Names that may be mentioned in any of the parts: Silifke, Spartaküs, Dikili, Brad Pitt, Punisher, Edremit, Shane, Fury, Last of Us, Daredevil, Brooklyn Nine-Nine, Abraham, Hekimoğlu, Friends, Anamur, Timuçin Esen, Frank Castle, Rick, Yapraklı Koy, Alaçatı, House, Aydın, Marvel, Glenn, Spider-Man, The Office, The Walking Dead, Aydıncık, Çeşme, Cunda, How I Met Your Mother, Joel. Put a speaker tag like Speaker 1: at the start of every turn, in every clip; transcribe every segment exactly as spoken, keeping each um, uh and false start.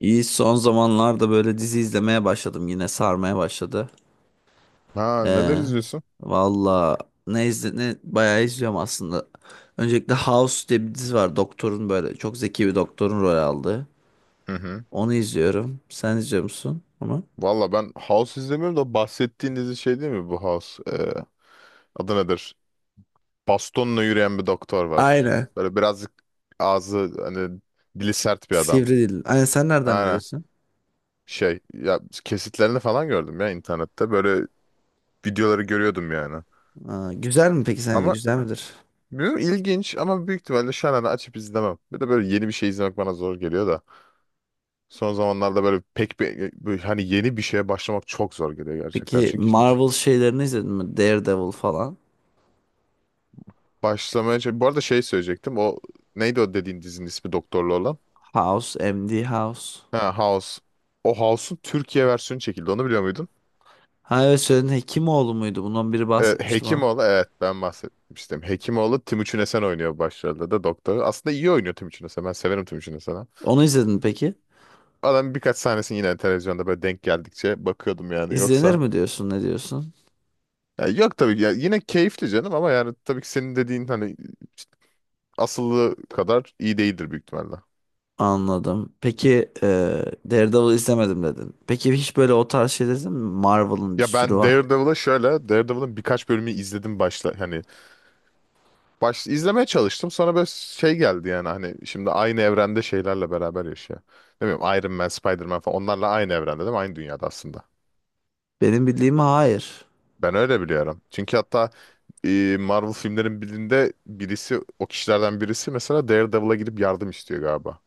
Speaker 1: İyi son zamanlarda böyle dizi izlemeye başladım, yine sarmaya başladı.
Speaker 2: Ha, neler
Speaker 1: Ee,
Speaker 2: izliyorsun?
Speaker 1: Valla ne izle, ne bayağı izliyorum aslında. Öncelikle House diye bir dizi var, doktorun, böyle çok zeki bir doktorun rol aldığı.
Speaker 2: Hı hı.
Speaker 1: Onu izliyorum. Sen izliyor musun onu?
Speaker 2: Valla ben House izlemiyorum da bahsettiğin dizi şey değil mi bu House? Ee, adı nedir? Bastonla yürüyen bir doktor var.
Speaker 1: Aynen.
Speaker 2: Böyle birazcık ağzı hani dili sert bir adam.
Speaker 1: Sivri dil. Aynen, sen nereden
Speaker 2: Aynen.
Speaker 1: biliyorsun?
Speaker 2: Şey ya, kesitlerini falan gördüm ya internette. Böyle videoları görüyordum yani.
Speaker 1: Aa, güzel mi peki, sence
Speaker 2: Ama
Speaker 1: güzel midir?
Speaker 2: bilmiyorum, ilginç, ama büyük ihtimalle şu an hani açıp izlemem. Bir de böyle yeni bir şey izlemek bana zor geliyor da. Son zamanlarda böyle pek bir, böyle hani yeni bir şeye başlamak çok zor geliyor gerçekten.
Speaker 1: Peki
Speaker 2: Çünkü
Speaker 1: Marvel şeylerini izledin mi? Daredevil falan.
Speaker 2: Başlamaya çalış- bu arada şey söyleyecektim. O neydi, o dediğin dizinin ismi doktorlu olan?
Speaker 1: House, M D House.
Speaker 2: Ha, House. O House'un Türkiye versiyonu çekildi. Onu biliyor muydun?
Speaker 1: Ha evet, söyledin, Hekimoğlu muydu? Bundan biri
Speaker 2: Ee,
Speaker 1: bahsetmişti.
Speaker 2: Hekimoğlu, evet, ben bahsetmiştim. Hekimoğlu Timuçin Esen oynuyor başrolde, de doktoru. Aslında iyi oynuyor Timuçin Esen. Ben severim Timuçin Esen'i.
Speaker 1: Onu izledin mi peki?
Speaker 2: Adam birkaç sahnesini yine televizyonda böyle denk geldikçe bakıyordum yani.
Speaker 1: İzlenir
Speaker 2: Yoksa
Speaker 1: mi diyorsun, ne diyorsun?
Speaker 2: ya yok tabii ki. Ya yine keyifli canım ama yani tabii ki senin dediğin hani asıllı kadar iyi değildir büyük ihtimalle.
Speaker 1: Anladım. Peki e, Daredevil izlemedim dedin. Peki hiç böyle o tarz şey izledin mi? Marvel'ın bir
Speaker 2: Ya
Speaker 1: sürü
Speaker 2: ben
Speaker 1: var.
Speaker 2: Daredevil'ı şöyle, Daredevil'ın birkaç bölümü izledim, başla hani baş izlemeye çalıştım. Sonra böyle şey geldi yani, hani şimdi aynı evrende şeylerle beraber yaşıyor. Ne bileyim, Iron Man, Spider-Man falan, onlarla aynı evrende değil mi? Aynı dünyada aslında.
Speaker 1: Benim bildiğim hayır.
Speaker 2: Ben öyle biliyorum. Çünkü hatta e, Marvel filmlerin birinde birisi, o kişilerden birisi mesela Daredevil'a gidip yardım istiyor galiba.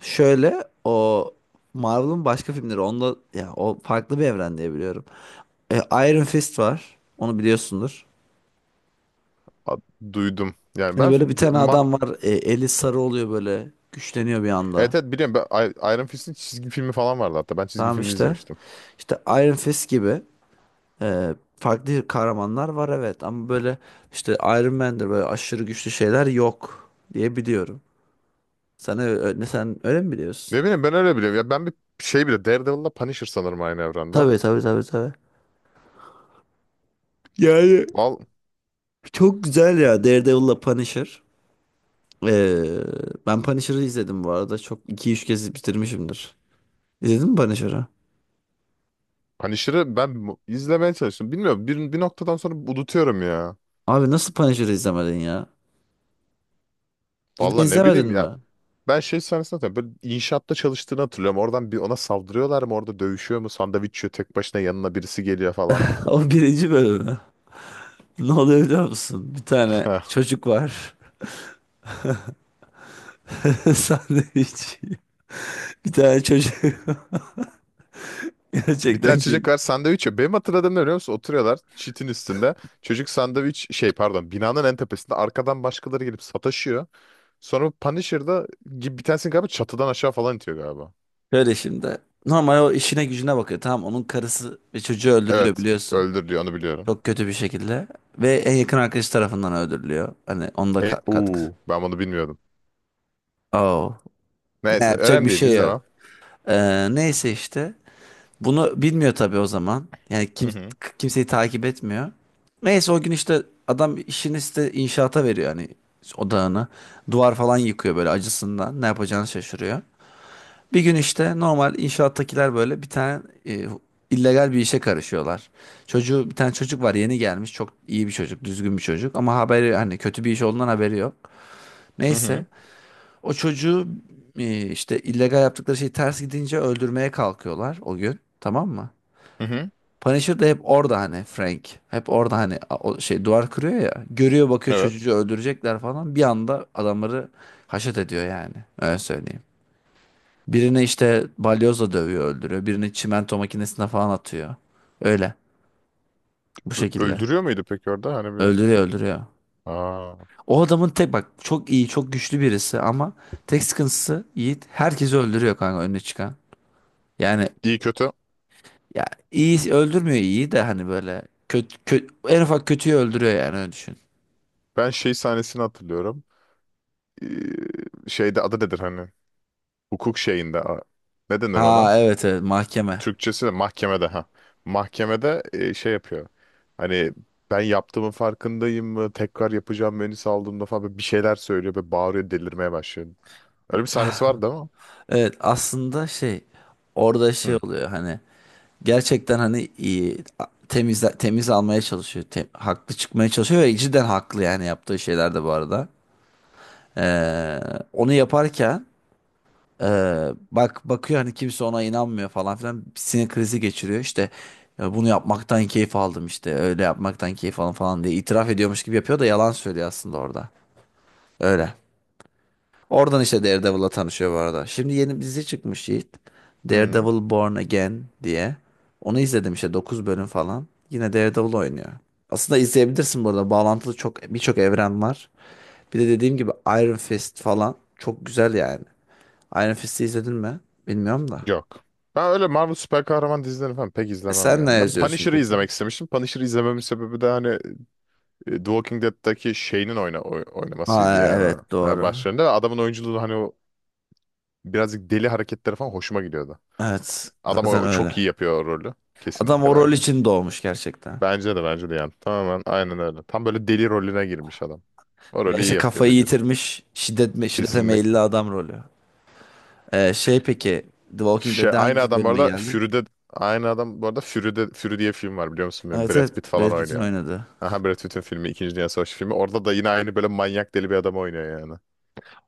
Speaker 1: Şöyle o Marvel'ın başka filmleri onda, ya o farklı bir evren diye biliyorum. E, Iron Fist var. Onu biliyorsundur.
Speaker 2: A- Duydum. Yani
Speaker 1: Hani
Speaker 2: ben
Speaker 1: böyle bir
Speaker 2: di-
Speaker 1: tane
Speaker 2: ma
Speaker 1: adam var. E, eli sarı oluyor böyle. Güçleniyor bir anda.
Speaker 2: evet evet, biliyorum. Ben, I- Iron Fist'in çizgi filmi falan vardı hatta. Ben çizgi
Speaker 1: Tamam
Speaker 2: filmi
Speaker 1: işte.
Speaker 2: izlemiştim.
Speaker 1: İşte Iron Fist gibi. Ee, farklı kahramanlar var, evet, ama böyle işte Iron Man'dir, böyle aşırı güçlü şeyler yok diye biliyorum. Sen öyle, sen öyle mi biliyorsun?
Speaker 2: Ne bileyim, ben öyle biliyorum. Ya ben bir şey bile Daredevil'la Punisher sanırım aynı evrende.
Speaker 1: Tabii, tabii, tabii, tabii. Yani
Speaker 2: Val
Speaker 1: çok güzel ya Daredevil'la Punisher. Ee, Ben Punisher'ı izledim bu arada. Çok iki üç kez bitirmişimdir. İzledin mi Punisher'ı?
Speaker 2: Punisher'ı ben mu- izlemeye çalıştım. Bilmiyorum, bir, bir noktadan sonra unutuyorum ya.
Speaker 1: Abi nasıl Punisher'ı izlemedin ya? Cidden
Speaker 2: Vallahi ne
Speaker 1: izlemedin
Speaker 2: bileyim
Speaker 1: mi?
Speaker 2: ya. Ben şey sahnesini hatırlıyorum. Böyle inşaatta çalıştığını hatırlıyorum. Oradan bir ona saldırıyorlar mı? Orada dövüşüyor mu? Sandviç yiyor. Tek başına, yanına birisi geliyor falan.
Speaker 1: O birinci bölümü. Ne oluyor biliyor musun? Bir tane çocuk var. Sandviç. Bir tane çocuk.
Speaker 2: Bir tane
Speaker 1: Gerçekten ki.
Speaker 2: çocuk var, sandviç yiyor. Benim hatırladığım ne, biliyor musun? Oturuyorlar çitin üstünde. Çocuk sandviç şey, pardon, binanın en tepesinde. Arkadan başkaları gelip sataşıyor. Sonra Punisher'da gibi bir tanesini galiba çatıdan aşağı falan itiyor galiba.
Speaker 1: Şöyle şimdi. Normal o işine gücüne bakıyor. Tamam, onun karısı ve çocuğu öldürülüyor
Speaker 2: Evet,
Speaker 1: biliyorsun.
Speaker 2: öldür diyor, onu biliyorum.
Speaker 1: Çok kötü bir şekilde. Ve en yakın arkadaşı tarafından öldürülüyor. Hani onda
Speaker 2: E,
Speaker 1: ka- katkı.
Speaker 2: uu, ben bunu bilmiyordum.
Speaker 1: Oh. Ne
Speaker 2: Neyse,
Speaker 1: yapacak
Speaker 2: önemli
Speaker 1: bir
Speaker 2: değil,
Speaker 1: şey
Speaker 2: izlemem.
Speaker 1: yok. Ee, neyse işte. Bunu bilmiyor tabii o zaman. Yani
Speaker 2: Hı
Speaker 1: kim,
Speaker 2: hı.
Speaker 1: kimseyi takip etmiyor. Neyse, o gün işte adam işini işte inşaata veriyor, hani odağını. Duvar falan yıkıyor böyle acısından. Ne yapacağını şaşırıyor. Bir gün işte normal inşaattakiler böyle bir tane e, illegal bir işe karışıyorlar. Çocuğu, bir tane çocuk var, yeni gelmiş, çok iyi bir çocuk, düzgün bir çocuk, ama haberi, hani kötü bir iş olduğundan haberi yok.
Speaker 2: Hı
Speaker 1: Neyse,
Speaker 2: hı.
Speaker 1: o çocuğu e, işte illegal yaptıkları şey ters gidince öldürmeye kalkıyorlar o gün, tamam mı?
Speaker 2: Hı hı.
Speaker 1: Punisher de hep orada, hani Frank hep orada, hani a- o şey duvar kırıyor ya, görüyor, bakıyor,
Speaker 2: Evet.
Speaker 1: çocuğu öldürecekler falan, bir anda adamları haşet ediyor yani, öyle söyleyeyim. Birini işte balyozla dövüyor, öldürüyor. Birini çimento makinesine falan atıyor. Öyle. Bu
Speaker 2: Ö-
Speaker 1: şekilde.
Speaker 2: Öldürüyor muydu peki orada? Hani bir...
Speaker 1: Öldürüyor, öldürüyor.
Speaker 2: Aa.
Speaker 1: O adamın tek, bak, çok iyi, çok güçlü birisi ama tek sıkıntısı Yiğit, herkesi öldürüyor kanka, önüne çıkan. Yani
Speaker 2: İyi kötü.
Speaker 1: ya iyi öldürmüyor, iyi de hani böyle kötü, kötü en ufak kötüyü öldürüyor yani, öyle düşün.
Speaker 2: Ben şey sahnesini hatırlıyorum. Ee, Şeyde adı nedir hani? Hukuk şeyinde. a- Ne denir ona?
Speaker 1: Ha evet, evet, mahkeme.
Speaker 2: Türkçesi de mahkemede ha. Mahkemede e, şey yapıyor. Hani ben yaptığımın farkındayım mı? Tekrar yapacağım beni saldığımda falan, böyle bir şeyler söylüyor ve bağırıyor, delirmeye başlıyor. Öyle bir sahnesi vardı ama.
Speaker 1: Evet, aslında şey, orada şey
Speaker 2: Hı.
Speaker 1: oluyor, hani gerçekten hani iyi, temiz temiz almaya çalışıyor. Te- haklı çıkmaya çalışıyor ve cidden haklı yani yaptığı şeylerde bu arada. Ee, Onu yaparken ee, bak bakıyor, hani kimse ona inanmıyor falan filan, sinir krizi geçiriyor. İşte "Ya bunu yapmaktan keyif aldım, işte öyle yapmaktan keyif aldım," falan diye itiraf ediyormuş gibi yapıyor da, yalan söylüyor aslında orada. Öyle. Oradan işte Daredevil'la tanışıyor bu arada. Şimdi yeni bir dizi çıkmış Yiğit.
Speaker 2: Hı.
Speaker 1: Daredevil Born Again diye. Onu izledim işte, dokuz bölüm falan. Yine Daredevil oynuyor. Aslında izleyebilirsin bu arada. Bağlantılı çok, birçok evren var. Bir de dediğim gibi Iron Fist falan çok güzel yani. Iron Fist'i izledin mi? Bilmiyorum da.
Speaker 2: Yok. Ben öyle Marvel süper kahraman dizilerini falan pek
Speaker 1: E
Speaker 2: izlemem
Speaker 1: sen ne
Speaker 2: yani. Ben
Speaker 1: yazıyorsun
Speaker 2: Punisher'ı
Speaker 1: peki?
Speaker 2: izlemek istemiştim. Punisher'ı izlememin sebebi de hani e, The Walking Dead'daki Shane'in oyna oy- oynamasıydı
Speaker 1: Ha
Speaker 2: yani.
Speaker 1: evet,
Speaker 2: Yani
Speaker 1: doğru.
Speaker 2: başlarında, ve adamın oyunculuğu, hani o birazcık deli hareketleri falan hoşuma gidiyordu.
Speaker 1: Evet,
Speaker 2: Adam o,
Speaker 1: zaten
Speaker 2: o çok
Speaker 1: öyle.
Speaker 2: iyi yapıyor o rolü.
Speaker 1: Adam
Speaker 2: Kesinlikle,
Speaker 1: o rol
Speaker 2: bence.
Speaker 1: için doğmuş gerçekten.
Speaker 2: Bence de bence de yani. Tamamen aynen öyle. Tam böyle deli rolüne girmiş adam. O
Speaker 1: Ya
Speaker 2: rolü
Speaker 1: işte
Speaker 2: iyi yapıyor,
Speaker 1: kafayı
Speaker 2: beceriyor.
Speaker 1: yitirmiş, şiddet, şiddete meyilli
Speaker 2: Kesinlikle.
Speaker 1: adam rolü. Ee, şey peki The Walking
Speaker 2: Şey,
Speaker 1: Dead'de
Speaker 2: aynı
Speaker 1: hangi
Speaker 2: adam bu
Speaker 1: bölüme
Speaker 2: arada
Speaker 1: geldi?
Speaker 2: Fury'de aynı adam bu arada Fury'de, Fury diye film var, biliyor musun? Böyle
Speaker 1: Evet,
Speaker 2: Brad
Speaker 1: evet,
Speaker 2: Pitt falan
Speaker 1: Brad Pitt'in
Speaker 2: oynuyor.
Speaker 1: oynadığı.
Speaker 2: Aha, Brad Pitt'in filmi, İkinci Dünya Savaşı filmi. Orada da yine aynı böyle manyak deli bir adam oynuyor yani.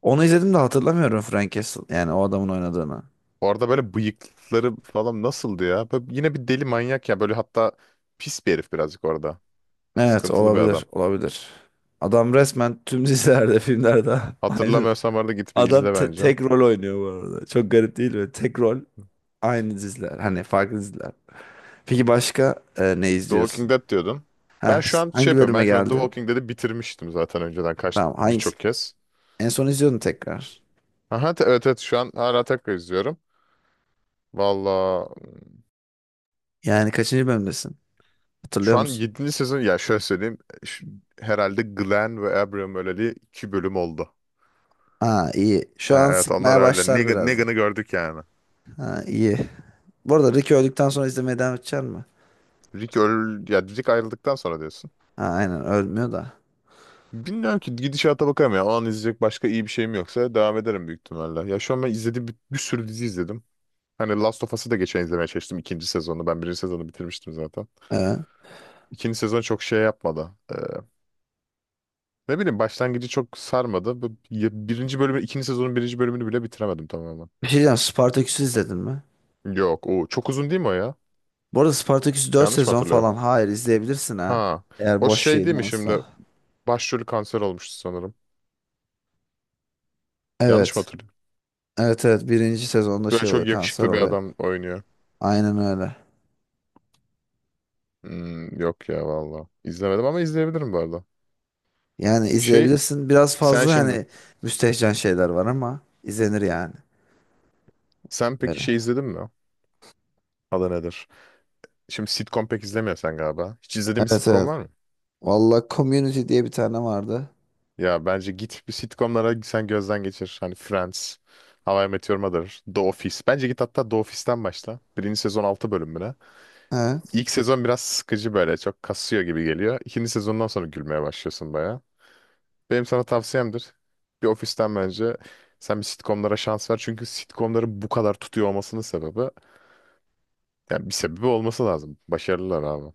Speaker 1: Onu izledim de hatırlamıyorum Frank Castle yani, o adamın oynadığını.
Speaker 2: Orada böyle bıyıkları falan nasıldı ya? Böyle yine bir deli manyak ya. Böyle hatta pis bir herif birazcık orada.
Speaker 1: Evet,
Speaker 2: Sıkıntılı bir adam.
Speaker 1: olabilir, olabilir. Adam resmen tüm dizilerde filmlerde aynı.
Speaker 2: Hatırlamıyorsam orada, git bir
Speaker 1: Adam
Speaker 2: izle
Speaker 1: te-
Speaker 2: bence.
Speaker 1: tek rol oynuyor bu arada. Çok garip değil mi? Tek rol, aynı diziler. Hani farklı diziler. Peki başka e, ne
Speaker 2: The Walking
Speaker 1: izliyorsun?
Speaker 2: Dead diyordun. Ben
Speaker 1: Heh,
Speaker 2: şu an şey
Speaker 1: hangi
Speaker 2: yapıyorum.
Speaker 1: bölüme
Speaker 2: Ben şu an The
Speaker 1: geldin?
Speaker 2: Walking Dead'i bitirmiştim zaten önceden kaç,
Speaker 1: Tamam, hangi
Speaker 2: birçok kez.
Speaker 1: en son izliyordun tekrar.
Speaker 2: Aha te- evet evet, şu an hala tekrar izliyorum. Valla,
Speaker 1: Yani kaçıncı bölümdesin? Hatırlıyor
Speaker 2: şu an
Speaker 1: musun?
Speaker 2: yedinci sezon ya, şöyle söyleyeyim, şu- herhalde Glenn ve Abraham öleli iki bölüm oldu.
Speaker 1: Ha iyi. Şu
Speaker 2: Ha
Speaker 1: an
Speaker 2: evet, onlar
Speaker 1: sıkmaya
Speaker 2: öyle.
Speaker 1: başlar
Speaker 2: Negan-
Speaker 1: biraz.
Speaker 2: Negan'ı gördük yani.
Speaker 1: Ha iyi. Bu arada Rick öldükten sonra izlemeye devam edecek mi?
Speaker 2: Rick öl ya Rick ayrıldıktan sonra diyorsun.
Speaker 1: Ha aynen, ölmüyor da.
Speaker 2: Bilmiyorum ki, gidişata bakarım ya. O an izleyecek başka iyi bir şeyim yoksa devam ederim büyük ihtimalle. Ya şu an ben izlediğim bir, bir sürü dizi izledim. Hani Last of Us'ı da geçen izlemeye çalıştım, ikinci sezonu. Ben birinci sezonu bitirmiştim zaten.
Speaker 1: Ee,
Speaker 2: İkinci sezon çok şey yapmadı. Ee, ne bileyim, başlangıcı çok sarmadı. Bu- ya Birinci bölümü, ikinci sezonun birinci bölümünü bile bitiremedim tamamen.
Speaker 1: Bir şey diyeceğim, Spartaküs'ü izledin mi?
Speaker 2: Yok o çok uzun değil mi o ya?
Speaker 1: Bu arada Spartaküs dört
Speaker 2: Yanlış mı
Speaker 1: sezon
Speaker 2: hatırlıyorum?
Speaker 1: falan. Hayır, izleyebilirsin ha.
Speaker 2: Ha,
Speaker 1: Eğer
Speaker 2: o
Speaker 1: boş
Speaker 2: şey
Speaker 1: şeyin
Speaker 2: değil mi, şimdi
Speaker 1: varsa.
Speaker 2: başrolü kanser olmuştu sanırım. Yanlış mı
Speaker 1: Evet.
Speaker 2: hatırlıyorum?
Speaker 1: Evet, evet, birinci sezonda
Speaker 2: Böyle
Speaker 1: şey oluyor,
Speaker 2: çok
Speaker 1: kanser
Speaker 2: yakışıklı bir
Speaker 1: oluyor.
Speaker 2: adam oynuyor.
Speaker 1: Aynen öyle.
Speaker 2: Hmm, yok ya valla. İzlemedim ama izleyebilirim bu arada.
Speaker 1: Yani
Speaker 2: Şey
Speaker 1: izleyebilirsin. Biraz
Speaker 2: sen
Speaker 1: fazla
Speaker 2: şimdi
Speaker 1: hani müstehcen şeyler var ama izlenir yani.
Speaker 2: sen peki
Speaker 1: Böyle.
Speaker 2: şey izledin mi? Adı nedir? Şimdi sitcom pek izlemiyorsun sen galiba. Hiç izlediğin bir
Speaker 1: Evet,
Speaker 2: sitcom
Speaker 1: evet.
Speaker 2: var mı?
Speaker 1: Valla Community diye bir tane vardı.
Speaker 2: Ya bence git bir sitcomlara sen gözden geçir. Hani Friends, How I Met Your Mother, The Office. Bence git hatta The Office'ten başla. Birinci sezon altı bölümüne.
Speaker 1: Evet.
Speaker 2: İlk sezon biraz sıkıcı, böyle çok kasıyor gibi geliyor. İkinci sezondan sonra gülmeye başlıyorsun baya. Benim sana tavsiyemdir. Bir ofisten bence sen bir sitcomlara şans ver. Çünkü sitcomların bu kadar tutuyor olmasının sebebi, yani bir sebebi olması lazım. Başarılılar abi.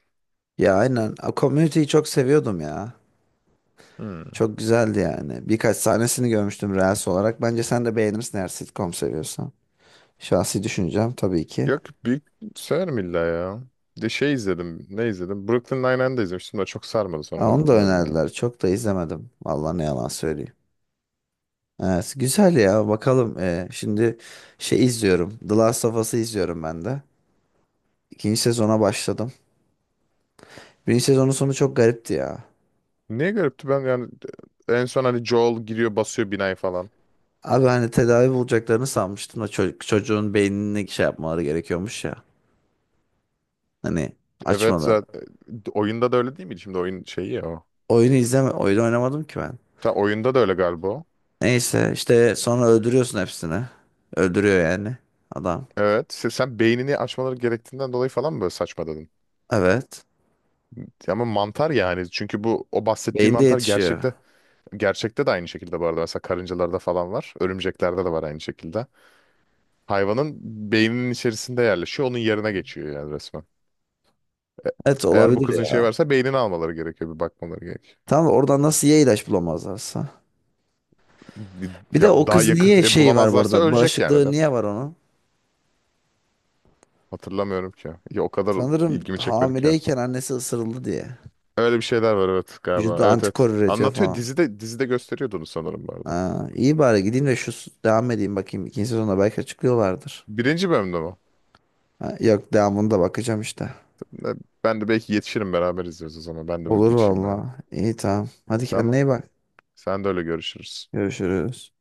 Speaker 1: Ya aynen. A, Community'yi çok seviyordum ya.
Speaker 2: Hmm.
Speaker 1: Çok güzeldi yani. Birkaç sahnesini görmüştüm Reels olarak. Bence sen de beğenirsin, eğer sitcom seviyorsan. Şahsi düşüncem tabii ki.
Speaker 2: Yok, büyük severim illa ya. Bir de şey izledim. Ne izledim? Brooklyn Nine-Nine'de izlemiştim de çok sarmadı,
Speaker 1: Aa,
Speaker 2: sonradan
Speaker 1: onu da
Speaker 2: bitirmedim ya.
Speaker 1: önerdiler. Çok da izlemedim. Vallahi ne yalan söyleyeyim. Evet, güzel ya. Bakalım. Ee, şimdi şey izliyorum. The Last of Us'ı izliyorum ben de. İkinci sezona başladım. Birinci sezonun sonu çok garipti ya.
Speaker 2: Niye garipti, ben yani en son hani Joel giriyor, basıyor binayı falan.
Speaker 1: Abi hani tedavi bulacaklarını sanmıştım da, çocuk, çocuğun beynini şey yapmaları gerekiyormuş ya. Hani
Speaker 2: Evet,
Speaker 1: açmaları.
Speaker 2: zaten oyunda da öyle değil miydi? Şimdi oyun şeyi ya o.
Speaker 1: Oyunu izleme. Oyunu oynamadım ki ben.
Speaker 2: Ta oyunda da öyle galiba. O.
Speaker 1: Neyse işte sonra öldürüyorsun hepsini. Öldürüyor yani adam.
Speaker 2: Evet. Sen, sen beynini açmaları gerektiğinden dolayı falan mı böyle saçma dedin?
Speaker 1: Evet.
Speaker 2: Ya ama mantar yani. Çünkü bu o bahsettiğim
Speaker 1: Beyinde
Speaker 2: mantar
Speaker 1: yetişiyor.
Speaker 2: gerçekte gerçekte de aynı şekilde bu arada. Mesela karıncalarda falan var. Örümceklerde de var aynı şekilde. Hayvanın beyninin içerisinde yerleşiyor. Onun yerine geçiyor yani resmen.
Speaker 1: Evet,
Speaker 2: Eğer bu
Speaker 1: olabilir
Speaker 2: kızın şey
Speaker 1: ya.
Speaker 2: varsa beynini almaları gerekiyor. Bir bakmaları gerekiyor.
Speaker 1: Tamam, oradan nasıl, ya ilaç bulamazlarsa.
Speaker 2: Bir-
Speaker 1: Bir de
Speaker 2: Ya
Speaker 1: o
Speaker 2: daha
Speaker 1: kız niye
Speaker 2: yakın e,
Speaker 1: şeyi var bu
Speaker 2: bulamazlarsa
Speaker 1: arada?
Speaker 2: ölecek yani
Speaker 1: Bağışıklığı
Speaker 2: de.
Speaker 1: niye var onun?
Speaker 2: Hatırlamıyorum ki. Ya o kadar
Speaker 1: Sanırım
Speaker 2: ilgimi çekmedi ki.
Speaker 1: hamileyken annesi ısırıldı diye.
Speaker 2: Öyle bir şeyler var evet galiba.
Speaker 1: Vücudu
Speaker 2: Evet
Speaker 1: antikor
Speaker 2: evet.
Speaker 1: üretiyor
Speaker 2: Anlatıyor
Speaker 1: falan.
Speaker 2: dizide dizide gösteriyordu onu sanırım bu arada.
Speaker 1: Ha, iyi, bari gideyim de şu devam edeyim, bakayım. İkinci sezonda belki açıklıyorlardır.
Speaker 2: Birinci bölümde mi?
Speaker 1: Ha, yok, devamında bakacağım işte.
Speaker 2: Ne- Ben de belki yetişirim, beraber izliyoruz o zaman. Ben de bir
Speaker 1: Olur
Speaker 2: geçeyim bari.
Speaker 1: valla. İyi, tamam. Hadi kendine
Speaker 2: Tamam.
Speaker 1: iyi bak.
Speaker 2: Sen de öyle, görüşürüz.
Speaker 1: Görüşürüz.